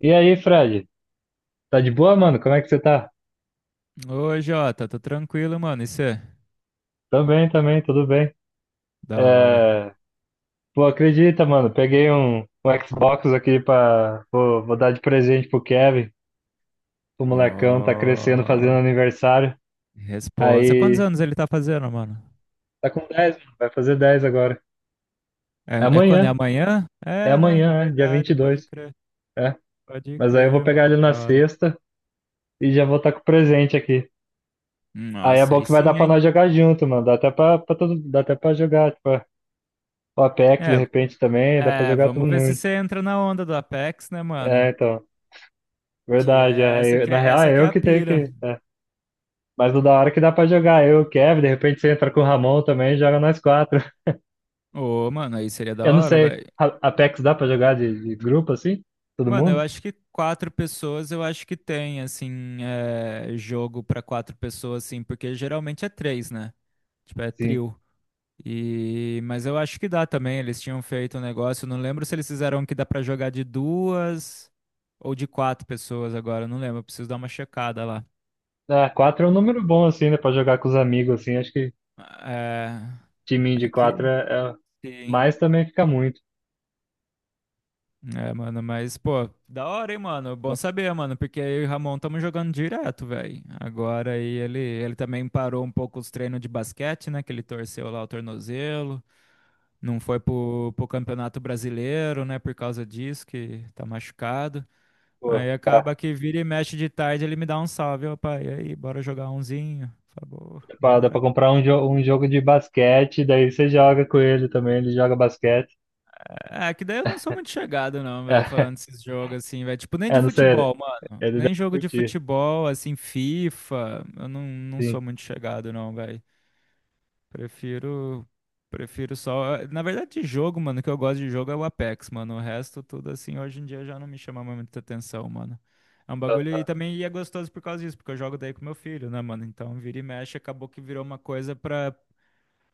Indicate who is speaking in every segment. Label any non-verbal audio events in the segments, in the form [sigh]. Speaker 1: E aí, Fred? Tá de boa, mano? Como é que você tá?
Speaker 2: Oi, Jota, tô tranquilo, mano. Isso é
Speaker 1: Também, também, tudo bem.
Speaker 2: da hora.
Speaker 1: É... Pô, acredita, mano, peguei um Xbox aqui pra. Vou dar de presente pro Kevin. O molecão tá crescendo, fazendo
Speaker 2: Ó,
Speaker 1: aniversário.
Speaker 2: responsa. Quantos
Speaker 1: Aí.
Speaker 2: anos ele tá fazendo, mano?
Speaker 1: Tá com 10, mano. Vai fazer 10 agora. É
Speaker 2: É quando? É
Speaker 1: amanhã.
Speaker 2: amanhã?
Speaker 1: É
Speaker 2: É, né?
Speaker 1: amanhã, é, dia
Speaker 2: Verdade, pode
Speaker 1: 22.
Speaker 2: crer.
Speaker 1: É.
Speaker 2: Pode
Speaker 1: Mas aí eu vou
Speaker 2: crer, mano.
Speaker 1: pegar ele
Speaker 2: Da
Speaker 1: na
Speaker 2: hora.
Speaker 1: sexta e já vou estar tá com o presente aqui. Aí é
Speaker 2: Nossa,
Speaker 1: bom
Speaker 2: aí
Speaker 1: que vai dar
Speaker 2: sim,
Speaker 1: pra
Speaker 2: hein?
Speaker 1: nós jogar junto, mano. Dá até pra todo... Dá até pra jogar, tipo, o Apex de
Speaker 2: É,
Speaker 1: repente também. Dá pra
Speaker 2: é,
Speaker 1: jogar todo
Speaker 2: vamos ver se
Speaker 1: mundo.
Speaker 2: você entra na onda do Apex, né, mano?
Speaker 1: É, então,
Speaker 2: Que
Speaker 1: verdade.
Speaker 2: é essa que
Speaker 1: Na
Speaker 2: é,
Speaker 1: real,
Speaker 2: essa
Speaker 1: é
Speaker 2: que é
Speaker 1: eu
Speaker 2: a
Speaker 1: que tenho
Speaker 2: pira.
Speaker 1: que. é. Mas o da hora que dá pra jogar, eu, o Kevin, de repente você entra com o Ramon também e joga nós quatro. [laughs]
Speaker 2: Ô, mano, aí seria da
Speaker 1: Eu não
Speaker 2: hora,
Speaker 1: sei,
Speaker 2: velho.
Speaker 1: Apex dá pra jogar de grupo assim? Todo
Speaker 2: Mano, eu
Speaker 1: mundo?
Speaker 2: acho que quatro pessoas, eu acho que tem, assim, é, jogo pra quatro pessoas, assim, porque geralmente é três, né? Tipo, é
Speaker 1: Sim.
Speaker 2: trio. E... Mas eu acho que dá também, eles tinham feito um negócio, eu não lembro se eles fizeram que dá pra jogar de duas ou de quatro pessoas agora, eu não lembro, eu preciso dar uma checada lá.
Speaker 1: Ah, quatro é um número bom assim, né? Pra jogar com os amigos assim. Acho que
Speaker 2: É,
Speaker 1: timinho de
Speaker 2: é
Speaker 1: quatro
Speaker 2: que...
Speaker 1: é. é...
Speaker 2: Sim.
Speaker 1: Mas também fica muito.
Speaker 2: É, mano, mas, pô, da hora, hein, mano? Bom
Speaker 1: Né?
Speaker 2: saber, mano, porque eu e o Ramon estamos jogando direto, velho. Agora aí ele também parou um pouco os treinos de basquete, né? Que ele torceu lá o tornozelo. Não foi pro Campeonato Brasileiro, né? Por causa disso, que tá machucado.
Speaker 1: Pô,
Speaker 2: Aí
Speaker 1: dá
Speaker 2: acaba que vira e mexe de tarde, ele me dá um salve, ó, pai. E aí, bora jogar umzinho? Falei,
Speaker 1: dá
Speaker 2: Bora,
Speaker 1: pra
Speaker 2: bora."
Speaker 1: comprar um, jo um jogo de basquete, daí você joga com ele também, ele joga basquete.
Speaker 2: É, que daí eu não sou muito chegado, não, velho, falando
Speaker 1: [laughs]
Speaker 2: desses jogos assim, velho. Tipo, nem
Speaker 1: É,
Speaker 2: de
Speaker 1: não sei,
Speaker 2: futebol, mano.
Speaker 1: ele deve
Speaker 2: Nem jogo de
Speaker 1: curtir.
Speaker 2: futebol, assim, FIFA. Eu não sou
Speaker 1: Sim.
Speaker 2: muito chegado, não, velho. Prefiro. Prefiro só. Na verdade, de jogo, mano, o que eu gosto de jogo é o Apex, mano. O resto, tudo assim, hoje em dia já não me chama mais muita atenção, mano. É um bagulho e também e é gostoso por causa disso, porque eu jogo daí com meu filho, né, mano? Então, vira e mexe, acabou que virou uma coisa pra,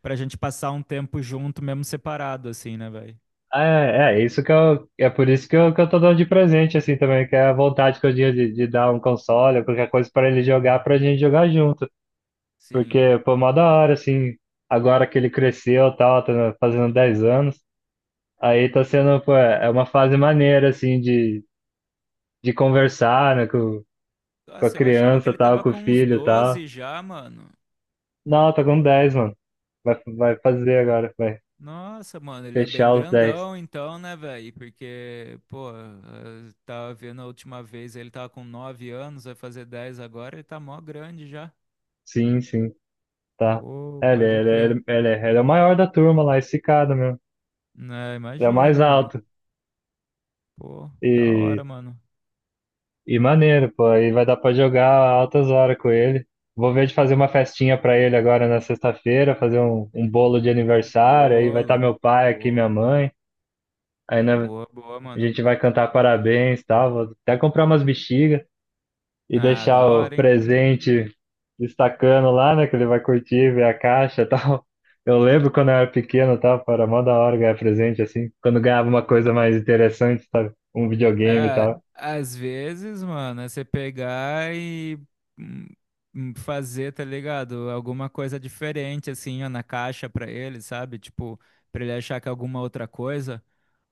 Speaker 2: pra gente passar um tempo junto, mesmo separado, assim, né, velho?
Speaker 1: É, é isso que eu, é por isso que eu tô dando de presente, assim, também, que é a vontade que eu tinha de dar um console ou qualquer coisa pra ele jogar, pra gente jogar junto.
Speaker 2: Sim.
Speaker 1: Porque, pô, mó da hora, assim, agora que ele cresceu e tal, tá fazendo 10 anos, aí tá sendo, pô, é uma fase maneira, assim, de conversar, né, com a
Speaker 2: Nossa, eu achava que
Speaker 1: criança
Speaker 2: ele
Speaker 1: tal,
Speaker 2: tava
Speaker 1: com o
Speaker 2: com uns
Speaker 1: filho tal.
Speaker 2: 12 já, mano.
Speaker 1: Não, tá com 10 mano. Vai fazer agora, vai
Speaker 2: Nossa, mano, ele é bem
Speaker 1: fechar os 10.
Speaker 2: grandão então, né, velho? Porque, pô, eu tava vendo a última vez, ele tava com 9 anos, vai fazer 10 agora, ele tá mó grande já.
Speaker 1: Sim, sim. Tá?
Speaker 2: Pô,
Speaker 1: É, ele,
Speaker 2: pode
Speaker 1: ele,
Speaker 2: crer.
Speaker 1: ele, ele, ele é o maior da turma lá, esse cara, meu.
Speaker 2: Né,
Speaker 1: Ele é o mais
Speaker 2: imagina, mano.
Speaker 1: alto.
Speaker 2: Pô, da hora,
Speaker 1: E,
Speaker 2: mano.
Speaker 1: e maneiro, pô. Aí vai dar pra jogar altas horas com ele. Vou ver de fazer uma festinha pra ele agora na sexta-feira, fazer um, um bolo de aniversário. Aí vai estar
Speaker 2: Bolo.
Speaker 1: meu pai aqui, minha
Speaker 2: Boa,
Speaker 1: mãe. Aí né,
Speaker 2: boa, boa,
Speaker 1: a
Speaker 2: mano.
Speaker 1: gente vai cantar parabéns e tal. Vou até comprar umas bexigas. E
Speaker 2: Ah,
Speaker 1: deixar
Speaker 2: da
Speaker 1: o
Speaker 2: hora, hein?
Speaker 1: presente destacando lá, né? Que ele vai curtir, ver a caixa e [laughs] tal. Eu lembro quando eu era pequeno, tá? Era mó da hora ganhar presente, assim. Quando ganhava uma coisa mais interessante, sabe? Um videogame e
Speaker 2: É,
Speaker 1: tal.
Speaker 2: às vezes, mano, é você pegar e hum, fazer, tá ligado? Alguma coisa diferente, assim, ó, na caixa pra ele, sabe? Tipo, pra ele achar que é alguma outra coisa.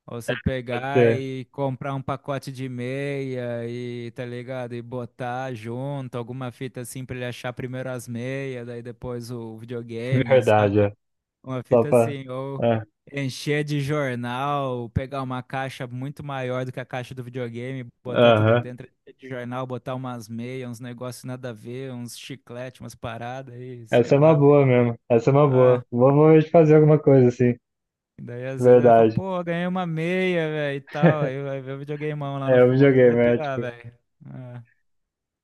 Speaker 2: Ou você
Speaker 1: Pode
Speaker 2: pegar
Speaker 1: ser
Speaker 2: e comprar um pacote de meia e, tá ligado? E botar junto, alguma fita assim pra ele achar primeiro as meias, daí depois o
Speaker 1: [laughs]
Speaker 2: videogame,
Speaker 1: verdade,
Speaker 2: saca?
Speaker 1: é.
Speaker 2: Uma
Speaker 1: Só
Speaker 2: fita
Speaker 1: pra.
Speaker 2: assim, ou
Speaker 1: É.
Speaker 2: encher de jornal, pegar uma caixa muito maior do que a caixa do videogame, botar tudo
Speaker 1: Aham.
Speaker 2: dentro de jornal, botar umas meias, uns negócios nada a ver, uns chiclete, umas paradas e sei
Speaker 1: Essa é uma
Speaker 2: lá, velho.
Speaker 1: boa mesmo. Essa é uma boa.
Speaker 2: Ah,
Speaker 1: Vamos fazer alguma coisa assim.
Speaker 2: e daí às vezes ele fala,
Speaker 1: Verdade.
Speaker 2: pô, ganhei uma meia, velho, e tal. Aí vai ver o videogameão lá no
Speaker 1: É, o
Speaker 2: fundo, ele vai
Speaker 1: videogame, é
Speaker 2: pirar,
Speaker 1: tipo,
Speaker 2: velho. Ah.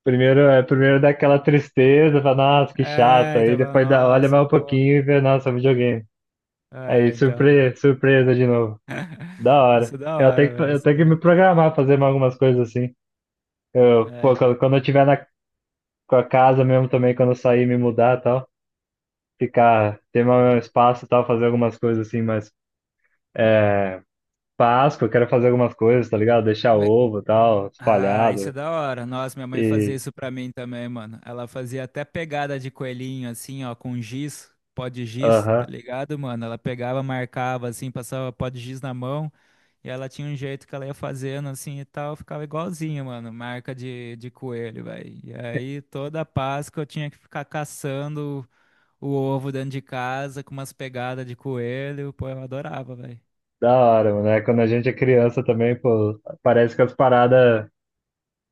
Speaker 1: primeiro, é, primeiro dá aquela tristeza, fala, nossa, que chato.
Speaker 2: É,
Speaker 1: Aí
Speaker 2: então fala,
Speaker 1: depois dá, olha
Speaker 2: nossa,
Speaker 1: mais um
Speaker 2: pô.
Speaker 1: pouquinho e vê, nossa, é um videogame. Aí,
Speaker 2: É, então,
Speaker 1: surpresa, surpresa de novo. Da hora.
Speaker 2: isso é da hora, velho,
Speaker 1: Eu
Speaker 2: isso é
Speaker 1: tenho que
Speaker 2: da
Speaker 1: me
Speaker 2: hora.
Speaker 1: programar, fazer mais algumas coisas assim. Eu,
Speaker 2: É,
Speaker 1: pô,
Speaker 2: então.
Speaker 1: quando eu tiver na com a casa mesmo também, quando eu sair, me mudar e tal, ficar, ter meu espaço e tal, fazer algumas coisas assim, mas é, Páscoa, eu quero fazer algumas coisas, tá ligado? Deixar ovo e tal,
Speaker 2: Ah, isso é
Speaker 1: espalhado.
Speaker 2: da hora. Nossa, minha mãe fazia
Speaker 1: E,
Speaker 2: isso pra mim também, mano. Ela fazia até pegada de coelhinho, assim, ó, com giz, pó de giz, tá
Speaker 1: aham,
Speaker 2: ligado, mano? Ela pegava, marcava, assim, passava pó de giz na mão, e ela tinha um jeito que ela ia fazendo, assim, e tal, ficava igualzinho, mano, marca de coelho, velho. E aí, toda Páscoa eu tinha que ficar caçando o ovo dentro de casa com umas pegadas de coelho, pô, eu adorava, velho.
Speaker 1: da hora, mano. É, quando a gente é criança também, pô, parece que as paradas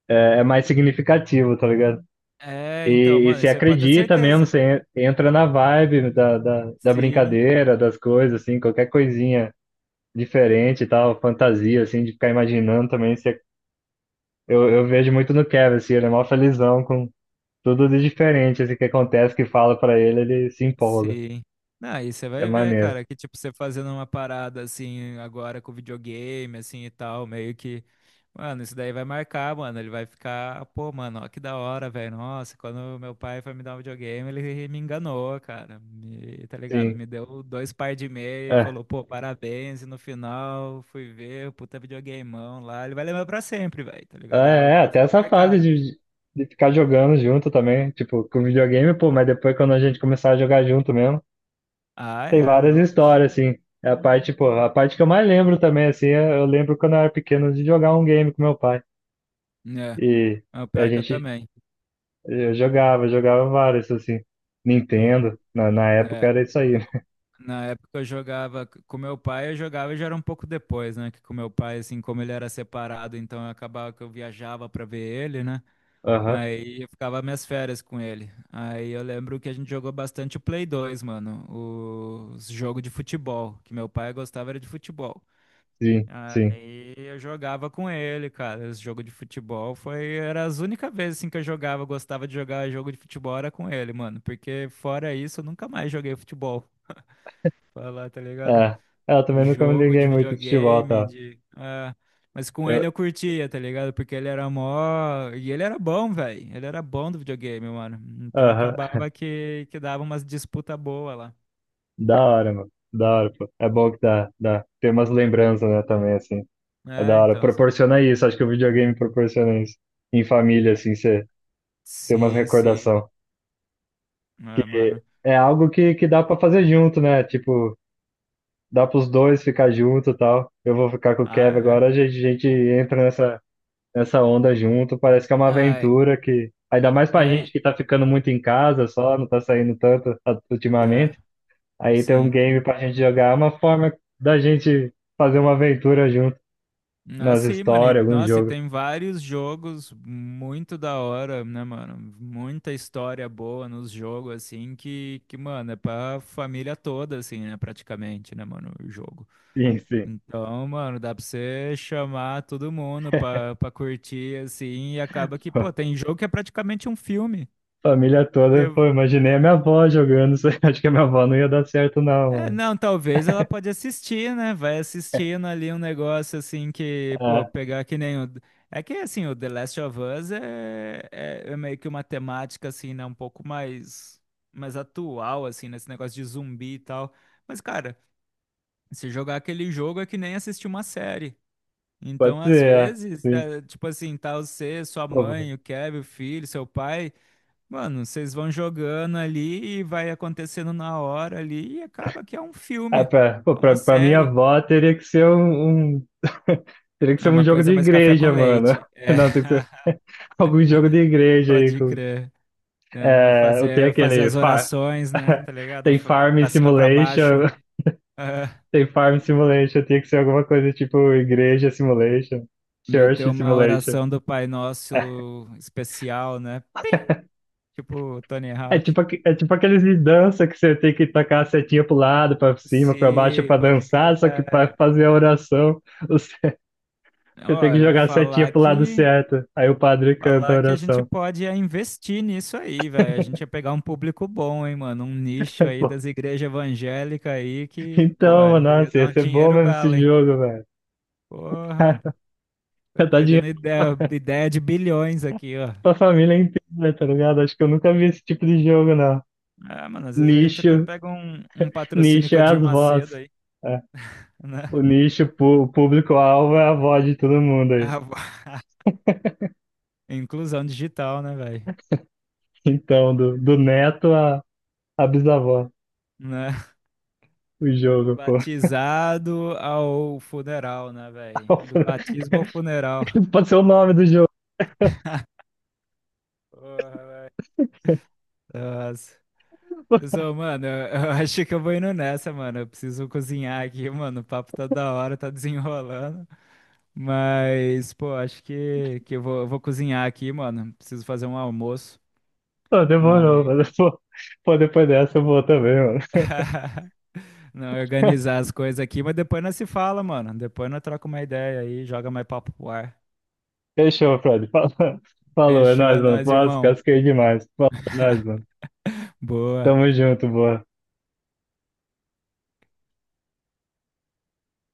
Speaker 1: é mais significativo, tá ligado?
Speaker 2: É, então,
Speaker 1: E
Speaker 2: mano,
Speaker 1: se
Speaker 2: isso aí pode ter
Speaker 1: acredita mesmo,
Speaker 2: certeza.
Speaker 1: você entra na vibe da
Speaker 2: Sim.
Speaker 1: brincadeira, das coisas, assim, qualquer coisinha diferente e tal, fantasia, assim, de ficar imaginando também. Você, eu vejo muito no Kevin, assim, ele é mó felizão com tudo de diferente, assim, que acontece, que fala pra ele, ele se empolga.
Speaker 2: Sim. Não, e você
Speaker 1: É
Speaker 2: vai ver,
Speaker 1: maneiro,
Speaker 2: cara, que tipo, você fazendo uma parada assim, agora com videogame, assim e tal, meio que. Mano, isso daí vai marcar, mano. Ele vai ficar, pô, mano, ó que da hora, velho. Nossa, quando meu pai foi me dar um videogame, ele me enganou, cara. Me, tá ligado?
Speaker 1: sim.
Speaker 2: Me deu dois par de meia e
Speaker 1: É,
Speaker 2: falou, pô, parabéns. E no final, fui ver, puta videogameão lá. Ele vai lembrar pra sempre, velho, tá
Speaker 1: ah,
Speaker 2: ligado? É algo
Speaker 1: é, é,
Speaker 2: que vai
Speaker 1: até
Speaker 2: ficar
Speaker 1: essa fase
Speaker 2: marcado.
Speaker 1: de ficar jogando junto também, tipo, com videogame, pô, mas depois quando a gente começar a jogar junto mesmo.
Speaker 2: Ah,
Speaker 1: Tem
Speaker 2: é,
Speaker 1: várias
Speaker 2: não. Isso.
Speaker 1: histórias, assim. É a parte, pô, a parte que eu mais lembro também, assim, eu lembro quando eu era pequeno de jogar um game com meu pai.
Speaker 2: É,
Speaker 1: E
Speaker 2: é o
Speaker 1: a
Speaker 2: pior que eu
Speaker 1: gente,
Speaker 2: também.
Speaker 1: eu jogava, jogava vários, assim. Nintendo, na
Speaker 2: É.
Speaker 1: época
Speaker 2: é.
Speaker 1: era isso aí, né?
Speaker 2: Na época eu jogava com meu pai, eu jogava já era um pouco depois, né? Que com meu pai, assim, como ele era separado, então eu acabava que eu viajava pra ver ele, né?
Speaker 1: Aham,
Speaker 2: Aí eu ficava minhas férias com ele. Aí eu lembro que a gente jogou bastante o Play 2, mano. O Os jogo de futebol, que meu pai gostava era de futebol.
Speaker 1: sim, sim.
Speaker 2: Aí eu jogava com ele, cara. Esse jogo de futebol foi era as únicas vezes assim que eu jogava, eu gostava de jogar jogo de futebol era com ele, mano, porque fora isso eu nunca mais joguei futebol. Falar, tá ligado?
Speaker 1: É, é, eu também nunca me
Speaker 2: Jogo
Speaker 1: liguei
Speaker 2: de
Speaker 1: muito em futebol,
Speaker 2: videogame,
Speaker 1: tá?
Speaker 2: de. Ah, mas com
Speaker 1: Eu,
Speaker 2: ele eu curtia, tá ligado? Porque ele era mó. E ele era bom, velho. Ele era bom do videogame, mano. Então
Speaker 1: aham,
Speaker 2: acabava que dava umas disputa boa lá.
Speaker 1: da hora, mano. Da hora, pô. É bom que dá. Tem umas lembranças, né, também, assim. É da
Speaker 2: É,
Speaker 1: hora.
Speaker 2: então. Essa...
Speaker 1: Proporciona isso, acho que o videogame proporciona isso. Em família, assim, você tem umas
Speaker 2: Sim, sim.
Speaker 1: recordações.
Speaker 2: Ah, mano.
Speaker 1: É algo que dá pra fazer junto, né? Tipo, dá pros dois ficar junto e tal. Eu vou ficar com o
Speaker 2: Ah,
Speaker 1: Kevin
Speaker 2: é.
Speaker 1: agora, a gente entra nessa, nessa onda junto. Parece que é uma
Speaker 2: Ah, é.
Speaker 1: aventura que. Ainda mais pra
Speaker 2: É.
Speaker 1: gente que tá ficando muito em casa só, não tá saindo tanto
Speaker 2: É,
Speaker 1: ultimamente. Aí ter um
Speaker 2: sim.
Speaker 1: game pra gente jogar é uma forma da gente fazer uma aventura junto
Speaker 2: Ah,
Speaker 1: nas
Speaker 2: sim, mano. E,
Speaker 1: histórias, algum
Speaker 2: nossa, e
Speaker 1: jogo.
Speaker 2: tem vários jogos muito da hora, né, mano? Muita história boa nos jogos, assim, que, mano, é pra família toda, assim, né, praticamente, né, mano, o jogo.
Speaker 1: Sim, sim.
Speaker 2: Então, mano, dá pra você chamar todo mundo pra curtir, assim, e acaba que, pô,
Speaker 1: [laughs]
Speaker 2: tem jogo que é praticamente um filme.
Speaker 1: Família toda, pô, imaginei a minha avó jogando. [laughs] Acho que a minha avó não ia dar certo, não,
Speaker 2: É,
Speaker 1: mano.
Speaker 2: não, talvez ela pode assistir, né? Vai
Speaker 1: [laughs]
Speaker 2: assistindo ali um negócio assim que, pô,
Speaker 1: Ah,
Speaker 2: pegar que nem o. É que assim, o The Last of Us é meio que uma temática assim, né? Um pouco mais atual, assim, nesse negócio de zumbi e tal. Mas, cara, se jogar aquele jogo é que nem assistir uma série.
Speaker 1: pode
Speaker 2: Então,
Speaker 1: ser,
Speaker 2: às
Speaker 1: é,
Speaker 2: vezes,
Speaker 1: sim.
Speaker 2: né, tipo assim, tá você, sua
Speaker 1: Pô,
Speaker 2: mãe, o Kevin, o filho, seu pai. Mano, vocês vão jogando ali e vai acontecendo na hora ali e acaba que é um
Speaker 1: é,
Speaker 2: filme,
Speaker 1: pra, pô,
Speaker 2: é uma
Speaker 1: pra, pra minha
Speaker 2: série,
Speaker 1: avó teria que ser um, [laughs] teria que
Speaker 2: é
Speaker 1: ser um
Speaker 2: uma
Speaker 1: jogo de
Speaker 2: coisa mais café com
Speaker 1: igreja, mano.
Speaker 2: leite.
Speaker 1: [laughs]
Speaker 2: É,
Speaker 1: Não, tem que ser
Speaker 2: [laughs]
Speaker 1: [laughs] algum jogo de igreja aí.
Speaker 2: pode
Speaker 1: Com,
Speaker 2: crer. Então,
Speaker 1: é, eu tenho
Speaker 2: fazer
Speaker 1: aquele
Speaker 2: as
Speaker 1: far,
Speaker 2: orações, né?
Speaker 1: [laughs]
Speaker 2: Tá ligado?
Speaker 1: tem Farm
Speaker 2: Pra cima, pra baixo.
Speaker 1: Simulation,
Speaker 2: Ah,
Speaker 1: [laughs] tem Farm Simulation, tem que ser alguma coisa tipo Igreja Simulation,
Speaker 2: meter
Speaker 1: Church
Speaker 2: uma
Speaker 1: Simulation.
Speaker 2: oração do Pai Nosso especial, né? Tipo o Tony
Speaker 1: É
Speaker 2: Hawk.
Speaker 1: tipo, é tipo aqueles de dança que você tem que tacar a setinha pro lado, pra cima, pra baixo,
Speaker 2: Sim,
Speaker 1: pra
Speaker 2: pode crer.
Speaker 1: dançar, só que pra fazer a oração. Você tem
Speaker 2: Ó,
Speaker 1: que
Speaker 2: eu
Speaker 1: jogar a setinha
Speaker 2: falar
Speaker 1: pro lado
Speaker 2: que
Speaker 1: certo. Aí o padre canta a
Speaker 2: Falar que a gente
Speaker 1: oração.
Speaker 2: pode é, investir nisso aí, velho. A gente ia pegar um público bom, hein, mano? Um nicho aí
Speaker 1: [laughs]
Speaker 2: das igrejas evangélicas aí que, pô,
Speaker 1: Então, mano,
Speaker 2: ia
Speaker 1: nossa,
Speaker 2: dar
Speaker 1: ia
Speaker 2: um
Speaker 1: ser bom
Speaker 2: dinheiro
Speaker 1: mesmo
Speaker 2: bala,
Speaker 1: esse
Speaker 2: hein?
Speaker 1: jogo, velho.
Speaker 2: Porra,
Speaker 1: [laughs]
Speaker 2: tô
Speaker 1: Cara, tá dinheiro
Speaker 2: perdendo
Speaker 1: pra
Speaker 2: ideia de bilhões aqui, ó.
Speaker 1: pra família inteira, tá ligado? Acho que eu nunca vi esse tipo de jogo, não.
Speaker 2: Ah, mano, às vezes a gente até
Speaker 1: Nicho,
Speaker 2: pega um patrocínio
Speaker 1: nicho
Speaker 2: com
Speaker 1: é
Speaker 2: a
Speaker 1: as
Speaker 2: Dirma Macedo
Speaker 1: vozes.
Speaker 2: aí,
Speaker 1: É. O
Speaker 2: né?
Speaker 1: nicho, o público-alvo é a voz de todo mundo aí.
Speaker 2: Ah, bo- [laughs] inclusão digital, né, velho?
Speaker 1: Então, do neto a à bisavó,
Speaker 2: Né?
Speaker 1: o
Speaker 2: Do
Speaker 1: jogo, pô.
Speaker 2: batizado ao funeral, né, velho? Do
Speaker 1: [laughs]
Speaker 2: batismo ao funeral.
Speaker 1: Pode ser o nome do jogo.
Speaker 2: Porra, velho. Nossa. Zô, mano, eu [laughs] acho que eu vou indo nessa, mano. Eu preciso cozinhar aqui, mano. O papo tá da hora, tá desenrolando. Mas, pô, acho que eu vou cozinhar aqui, mano. Preciso fazer um almoço.
Speaker 1: Pô, demorou,
Speaker 2: Mas.
Speaker 1: mas pô, pô, depois dessa eu vou também, mano.
Speaker 2: [laughs] Não, organizar as coisas aqui. Mas depois nós se fala, mano. Depois nós troca uma ideia aí, joga mais papo pro ar.
Speaker 1: Fechou, Fred. Falou, [laughs] falou, é
Speaker 2: Fechou,
Speaker 1: nóis,
Speaker 2: é
Speaker 1: mano.
Speaker 2: nóis,
Speaker 1: Nossa,
Speaker 2: irmão.
Speaker 1: casquei demais. Falou, é nóis, mano.
Speaker 2: Boa.
Speaker 1: Tamo junto, boa.